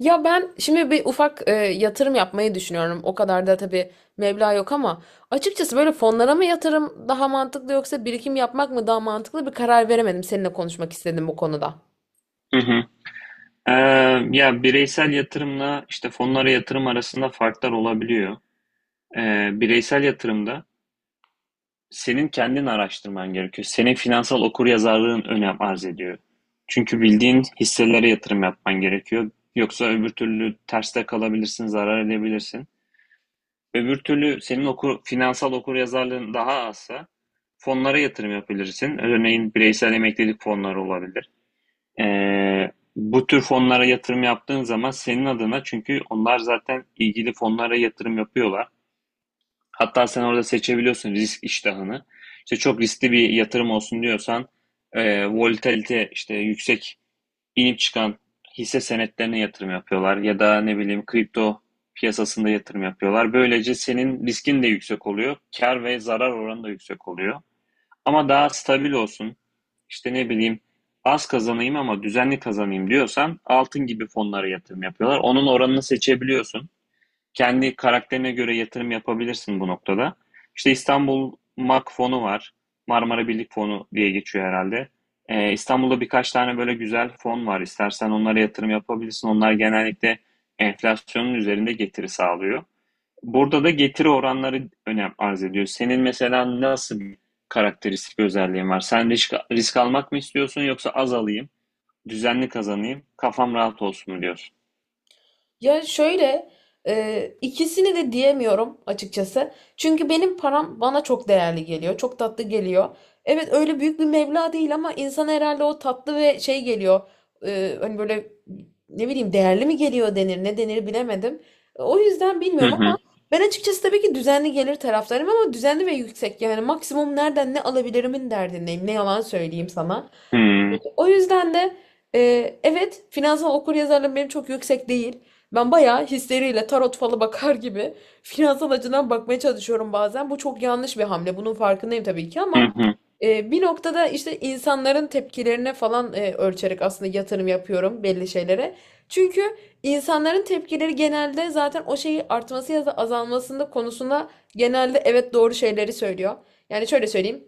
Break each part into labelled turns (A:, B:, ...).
A: Ya ben şimdi bir ufak yatırım yapmayı düşünüyorum. O kadar da tabii meblağ yok ama açıkçası böyle fonlara mı yatırım daha mantıklı yoksa birikim yapmak mı daha mantıklı bir karar veremedim. Seninle konuşmak istedim bu konuda.
B: Hı hı. Ee, Ya bireysel yatırımla işte fonlara yatırım arasında farklar olabiliyor. Bireysel yatırımda senin kendin araştırman gerekiyor. Senin finansal okuryazarlığın önem arz ediyor. Çünkü bildiğin hisselere yatırım yapman gerekiyor. Yoksa öbür türlü terste kalabilirsin, zarar edebilirsin. Öbür türlü senin finansal okuryazarlığın daha azsa fonlara yatırım yapabilirsin. Örneğin bireysel emeklilik fonları olabilir. Bu tür fonlara yatırım yaptığın zaman senin adına çünkü onlar zaten ilgili fonlara yatırım yapıyorlar. Hatta sen orada seçebiliyorsun risk iştahını. İşte çok riskli bir yatırım olsun diyorsan volatilite işte yüksek inip çıkan hisse senetlerine yatırım yapıyorlar ya da ne bileyim kripto piyasasında yatırım yapıyorlar. Böylece senin riskin de yüksek oluyor. Kar ve zarar oranı da yüksek oluyor. Ama daha stabil olsun, işte ne bileyim az kazanayım ama düzenli kazanayım diyorsan altın gibi fonlara yatırım yapıyorlar. Onun oranını seçebiliyorsun. Kendi karakterine göre yatırım yapabilirsin bu noktada. İşte İstanbul MAK fonu var. Marmara Birlik fonu diye geçiyor herhalde. İstanbul'da birkaç tane böyle güzel fon var. İstersen onlara yatırım yapabilirsin. Onlar genellikle enflasyonun üzerinde getiri sağlıyor. Burada da getiri oranları önem arz ediyor. Senin mesela nasıl bir karakteristik özelliğin var? Sen risk almak mı istiyorsun yoksa az alayım, düzenli kazanayım, kafam rahat olsun mu diyorsun?
A: Ya şöyle ikisini de diyemiyorum açıkçası. Çünkü benim param bana çok değerli geliyor. Çok tatlı geliyor. Evet öyle büyük bir meblağ değil ama insan herhalde o tatlı ve şey geliyor. Hani böyle ne bileyim değerli mi geliyor denir ne denir bilemedim. O yüzden
B: Hı
A: bilmiyorum
B: hı.
A: ama ben açıkçası tabii ki düzenli gelir taraftarım ama düzenli ve yüksek yani maksimum nereden ne alabilirimin derdindeyim. Ne yalan söyleyeyim sana.
B: Hı
A: O yüzden de e, evet finansal okuryazarlığım benim çok yüksek değil. Ben bayağı hisleriyle tarot falı bakar gibi finansal açıdan bakmaya çalışıyorum bazen. Bu çok yanlış bir hamle. Bunun farkındayım tabii ki
B: hı
A: ama
B: hı.
A: bir noktada işte insanların tepkilerine falan ölçerek aslında yatırım yapıyorum belli şeylere. Çünkü insanların tepkileri genelde zaten o şeyi artması ya da azalmasında konusunda genelde evet doğru şeyleri söylüyor. Yani şöyle söyleyeyim.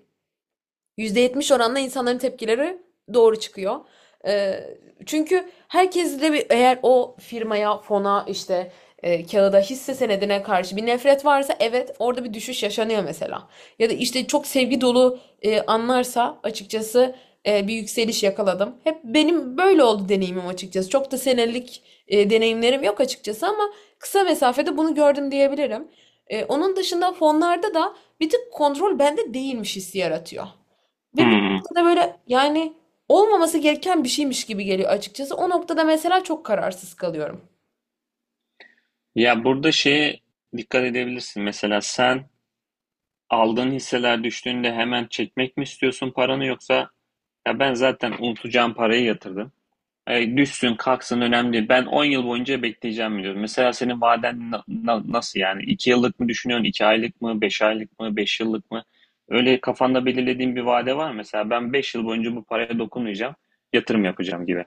A: %70 oranla insanların tepkileri doğru çıkıyor. Ee, Çünkü herkes de bir, eğer o firmaya, fona, işte kağıda, hisse senedine karşı bir nefret varsa evet orada bir düşüş yaşanıyor mesela. Ya da işte çok sevgi dolu anlarsa açıkçası bir yükseliş yakaladım. Hep benim böyle oldu deneyimim açıkçası. Çok da senelik deneyimlerim yok açıkçası ama kısa mesafede bunu gördüm diyebilirim. Onun dışında fonlarda da bir tık kontrol bende değilmiş hissi yaratıyor. Ve bir
B: Hı.
A: noktada böyle yani olmaması gereken bir şeymiş gibi geliyor açıkçası. O noktada mesela çok kararsız kalıyorum.
B: Ya burada şeye dikkat edebilirsin. Mesela sen aldığın hisseler düştüğünde hemen çekmek mi istiyorsun paranı yoksa ya ben zaten unutacağım parayı yatırdım. Düşsün kalksın önemli değil. Ben 10 yıl boyunca bekleyeceğim diyor. Mesela senin vaden nasıl yani? 2 yıllık mı düşünüyorsun? 2 aylık mı? 5 aylık mı? 5 yıllık mı? Öyle kafanda belirlediğin bir vade var mı? Mesela ben 5 yıl boyunca bu paraya dokunmayacağım. Yatırım yapacağım gibi.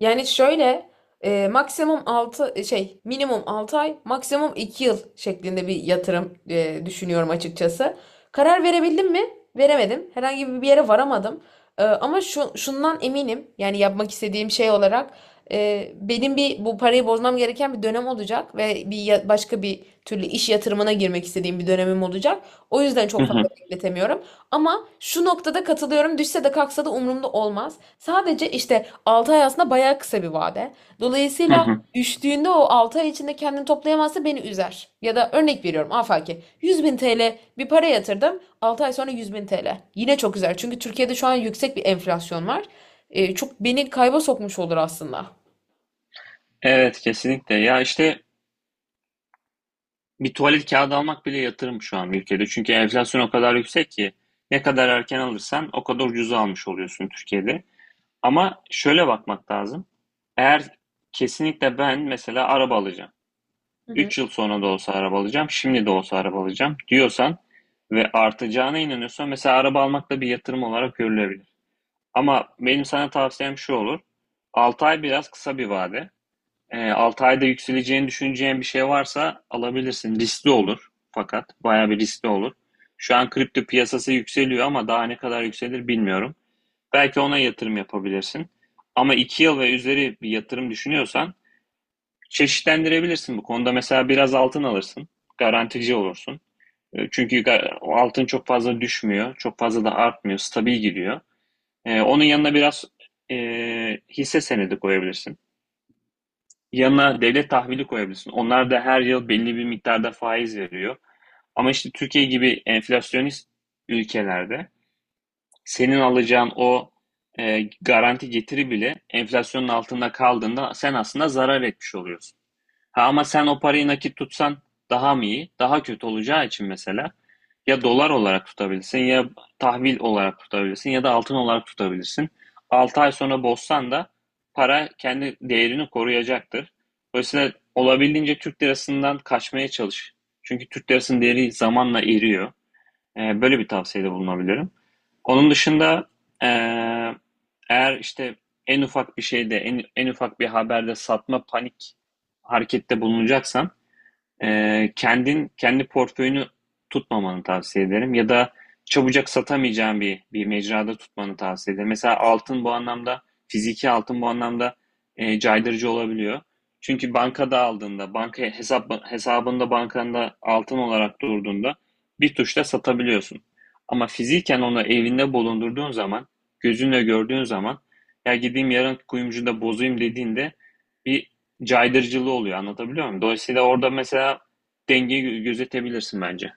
A: Yani şöyle maksimum 6 şey, minimum 6 ay maksimum 2 yıl şeklinde bir yatırım düşünüyorum açıkçası. Karar verebildim mi? Veremedim. Herhangi bir yere varamadım. Ama şundan eminim, yani yapmak istediğim şey olarak benim bir bu parayı bozmam gereken bir dönem olacak ve bir başka bir türlü iş yatırımına girmek istediğim bir dönemim olacak. O yüzden
B: Hı
A: çok fazla
B: hı,
A: bekletemiyorum. Ama şu noktada katılıyorum. Düşse de kalksa da umurumda olmaz. Sadece işte altı ay aslında bayağı kısa bir vade.
B: hı
A: Dolayısıyla
B: hı.
A: düştüğünde o 6 ay içinde kendini toplayamazsa beni üzer. Ya da örnek veriyorum, afaki 100 bin TL bir para yatırdım, 6 ay sonra 100 bin TL. Yine çok üzer çünkü Türkiye'de şu an yüksek bir enflasyon var. Çok beni kayba sokmuş olur aslında.
B: Evet kesinlikle. Ya işte bir tuvalet kağıdı almak bile yatırım şu an ülkede. Çünkü enflasyon o kadar yüksek ki ne kadar erken alırsan o kadar ucuza almış oluyorsun Türkiye'de. Ama şöyle bakmak lazım. Eğer kesinlikle ben mesela araba alacağım.
A: Hı hı.
B: 3 yıl sonra da olsa araba alacağım, şimdi de olsa araba alacağım diyorsan ve artacağına inanıyorsan mesela araba almak da bir yatırım olarak görülebilir. Ama benim sana tavsiyem şu olur. 6 ay biraz kısa bir vade. 6 ayda yükseleceğini düşüneceğin bir şey varsa alabilirsin. Riskli olur fakat bayağı bir riskli olur. Şu an kripto piyasası yükseliyor ama daha ne kadar yükselir bilmiyorum. Belki ona yatırım yapabilirsin. Ama 2 yıl ve üzeri bir yatırım düşünüyorsan çeşitlendirebilirsin bu konuda. Mesela biraz altın alırsın. Garantici olursun. Çünkü altın çok fazla düşmüyor. Çok fazla da artmıyor. Stabil gidiyor. Onun yanına biraz e, hisse senedi koyabilirsin. Yanına devlet tahvili koyabilirsin. Onlar da her yıl belli bir miktarda faiz veriyor. Ama işte Türkiye gibi enflasyonist ülkelerde senin alacağın o garanti getiri bile enflasyonun altında kaldığında sen aslında zarar etmiş oluyorsun. Ha ama sen o parayı nakit tutsan daha mı iyi? Daha kötü olacağı için mesela ya dolar olarak tutabilirsin ya tahvil olarak tutabilirsin ya da altın olarak tutabilirsin. 6 ay sonra bozsan da para kendi değerini koruyacaktır. Dolayısıyla olabildiğince Türk lirasından kaçmaya çalış. Çünkü Türk lirasının değeri zamanla eriyor. Böyle bir tavsiyede bulunabilirim. Onun dışında eee, eğer işte en ufak bir şeyde, en ufak bir haberde satma panik harekette bulunacaksan kendin kendi portföyünü tutmamanı tavsiye ederim ya da çabucak satamayacağın bir mecrada tutmanı tavsiye ederim. Mesela altın bu anlamda fiziki altın bu anlamda caydırıcı olabiliyor. Çünkü bankada aldığında, banka hesabında bankanda altın olarak durduğunda bir tuşla satabiliyorsun. Ama fiziken onu evinde bulundurduğun zaman, gözünle gördüğün zaman ya gideyim yarın kuyumcuda bozayım dediğinde bir caydırıcılığı oluyor, anlatabiliyor muyum? Dolayısıyla orada mesela dengeyi gözetebilirsin bence.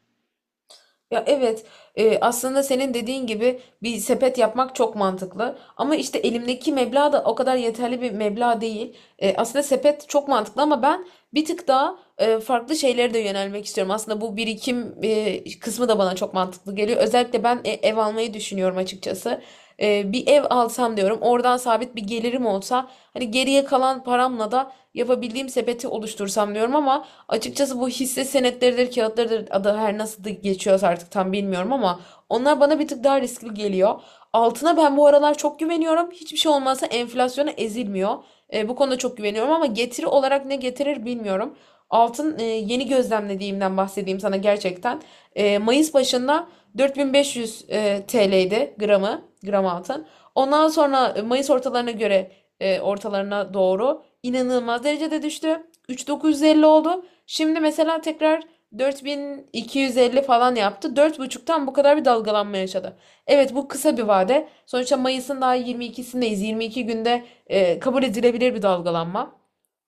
A: Ya evet, aslında senin dediğin gibi bir sepet yapmak çok mantıklı. Ama işte elimdeki meblağ da o kadar yeterli bir meblağ değil. E, aslında sepet çok mantıklı ama ben bir tık daha farklı şeylere de yönelmek istiyorum. Aslında bu birikim kısmı da bana çok mantıklı geliyor. Özellikle ben ev almayı düşünüyorum açıkçası. E, bir ev alsam diyorum, oradan sabit bir gelirim olsa, hani geriye kalan paramla da yapabildiğim sepeti oluştursam diyorum ama. Açıkçası bu hisse senetleridir, kağıtlarıdır, adı her nasıl da geçiyorsa artık tam bilmiyorum ama onlar bana bir tık daha riskli geliyor. Altına ben bu aralar çok güveniyorum. Hiçbir şey olmazsa enflasyona ezilmiyor. E, bu konuda çok güveniyorum ama getiri olarak ne getirir bilmiyorum. Altın yeni gözlemlediğimden bahsedeyim sana gerçekten. E, Mayıs başında 4500 TL'ydi gramı, gram altın. Ondan sonra Mayıs ortalarına göre ortalarına doğru inanılmaz derecede düştü. 3950 oldu. Şimdi mesela tekrar 4250 falan yaptı. Dört buçuktan bu kadar bir dalgalanma yaşadı. Evet bu kısa bir vade. Sonuçta Mayıs'ın daha 22'sindeyiz. 22 günde kabul edilebilir bir dalgalanma.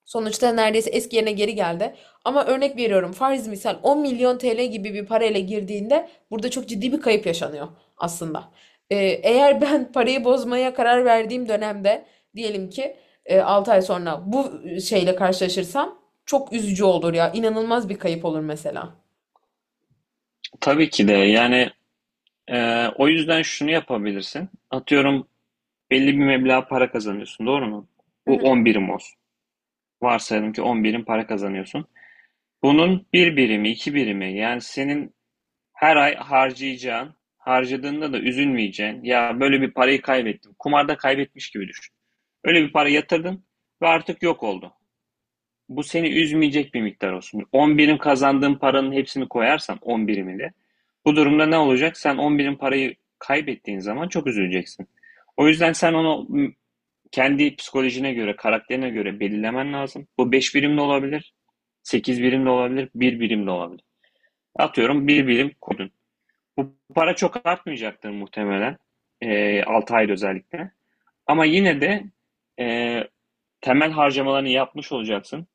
A: Sonuçta neredeyse eski yerine geri geldi. Ama örnek veriyorum, farz misal 10 milyon TL gibi bir parayla girdiğinde burada çok ciddi bir kayıp yaşanıyor aslında. Ee, Eğer ben parayı bozmaya karar verdiğim dönemde diyelim ki altı ay sonra bu şeyle karşılaşırsam çok üzücü olur ya. İnanılmaz bir kayıp olur mesela.
B: Tabii ki de yani o yüzden şunu yapabilirsin. Atıyorum belli bir meblağ para kazanıyorsun, doğru mu? Bu
A: Hı.
B: 10 birim olsun. Varsayalım ki 10 birim para kazanıyorsun. Bunun bir birimi, iki birimi yani senin her ay harcayacağın, harcadığında da üzülmeyeceğin, ya böyle bir parayı kaybettim. Kumarda kaybetmiş gibi düşün. Öyle bir para yatırdın ve artık yok oldu. Bu seni üzmeyecek bir miktar olsun. 10 birim kazandığın paranın hepsini koyarsan 10 birimini, bu durumda ne olacak? Sen 10 birim parayı kaybettiğin zaman çok üzüleceksin. O yüzden sen onu kendi psikolojine göre, karakterine göre belirlemen lazım. Bu 5 birim de olabilir, 8 birim de olabilir, bir birim de olabilir. Atıyorum bir birim koydun. Bu para çok artmayacaktır muhtemelen. 6 ayda özellikle. Ama yine de e, temel harcamalarını yapmış olacaksın,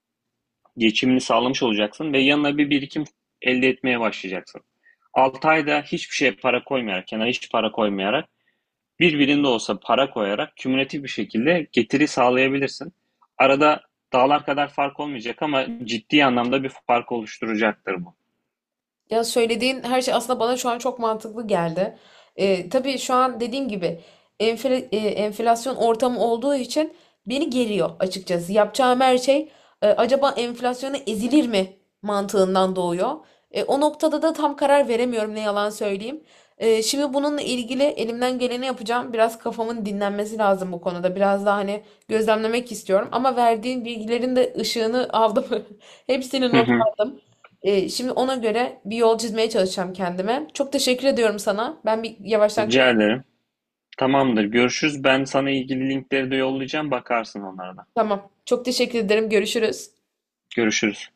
B: geçimini sağlamış olacaksın ve yanına bir birikim elde etmeye başlayacaksın. 6 ayda hiçbir şeye para koymayarak, kenara hiç para koymayarak, birbirinde olsa para koyarak kümülatif bir şekilde getiri sağlayabilirsin. Arada dağlar kadar fark olmayacak ama ciddi anlamda bir fark oluşturacaktır bu.
A: Ya söylediğin her şey aslında bana şu an çok mantıklı geldi. Tabii şu an dediğim gibi enflasyon ortamı olduğu için beni geriyor açıkçası. Yapacağım her şey acaba enflasyona ezilir mi mantığından doğuyor. E, o noktada da tam karar veremiyorum, ne yalan söyleyeyim. E, şimdi bununla ilgili elimden geleni yapacağım. Biraz kafamın dinlenmesi lazım bu konuda. Biraz daha hani gözlemlemek istiyorum. Ama verdiğin bilgilerin de ışığını aldım. Hepsini
B: Hı
A: not
B: hı.
A: aldım. Şimdi ona göre bir yol çizmeye çalışacağım kendime. Çok teşekkür ediyorum sana. Ben bir yavaştan
B: Rica
A: kaçıyorum.
B: ederim. Tamamdır. Görüşürüz. Ben sana ilgili linkleri de yollayacağım. Bakarsın onlara da.
A: Tamam. Çok teşekkür ederim. Görüşürüz.
B: Görüşürüz.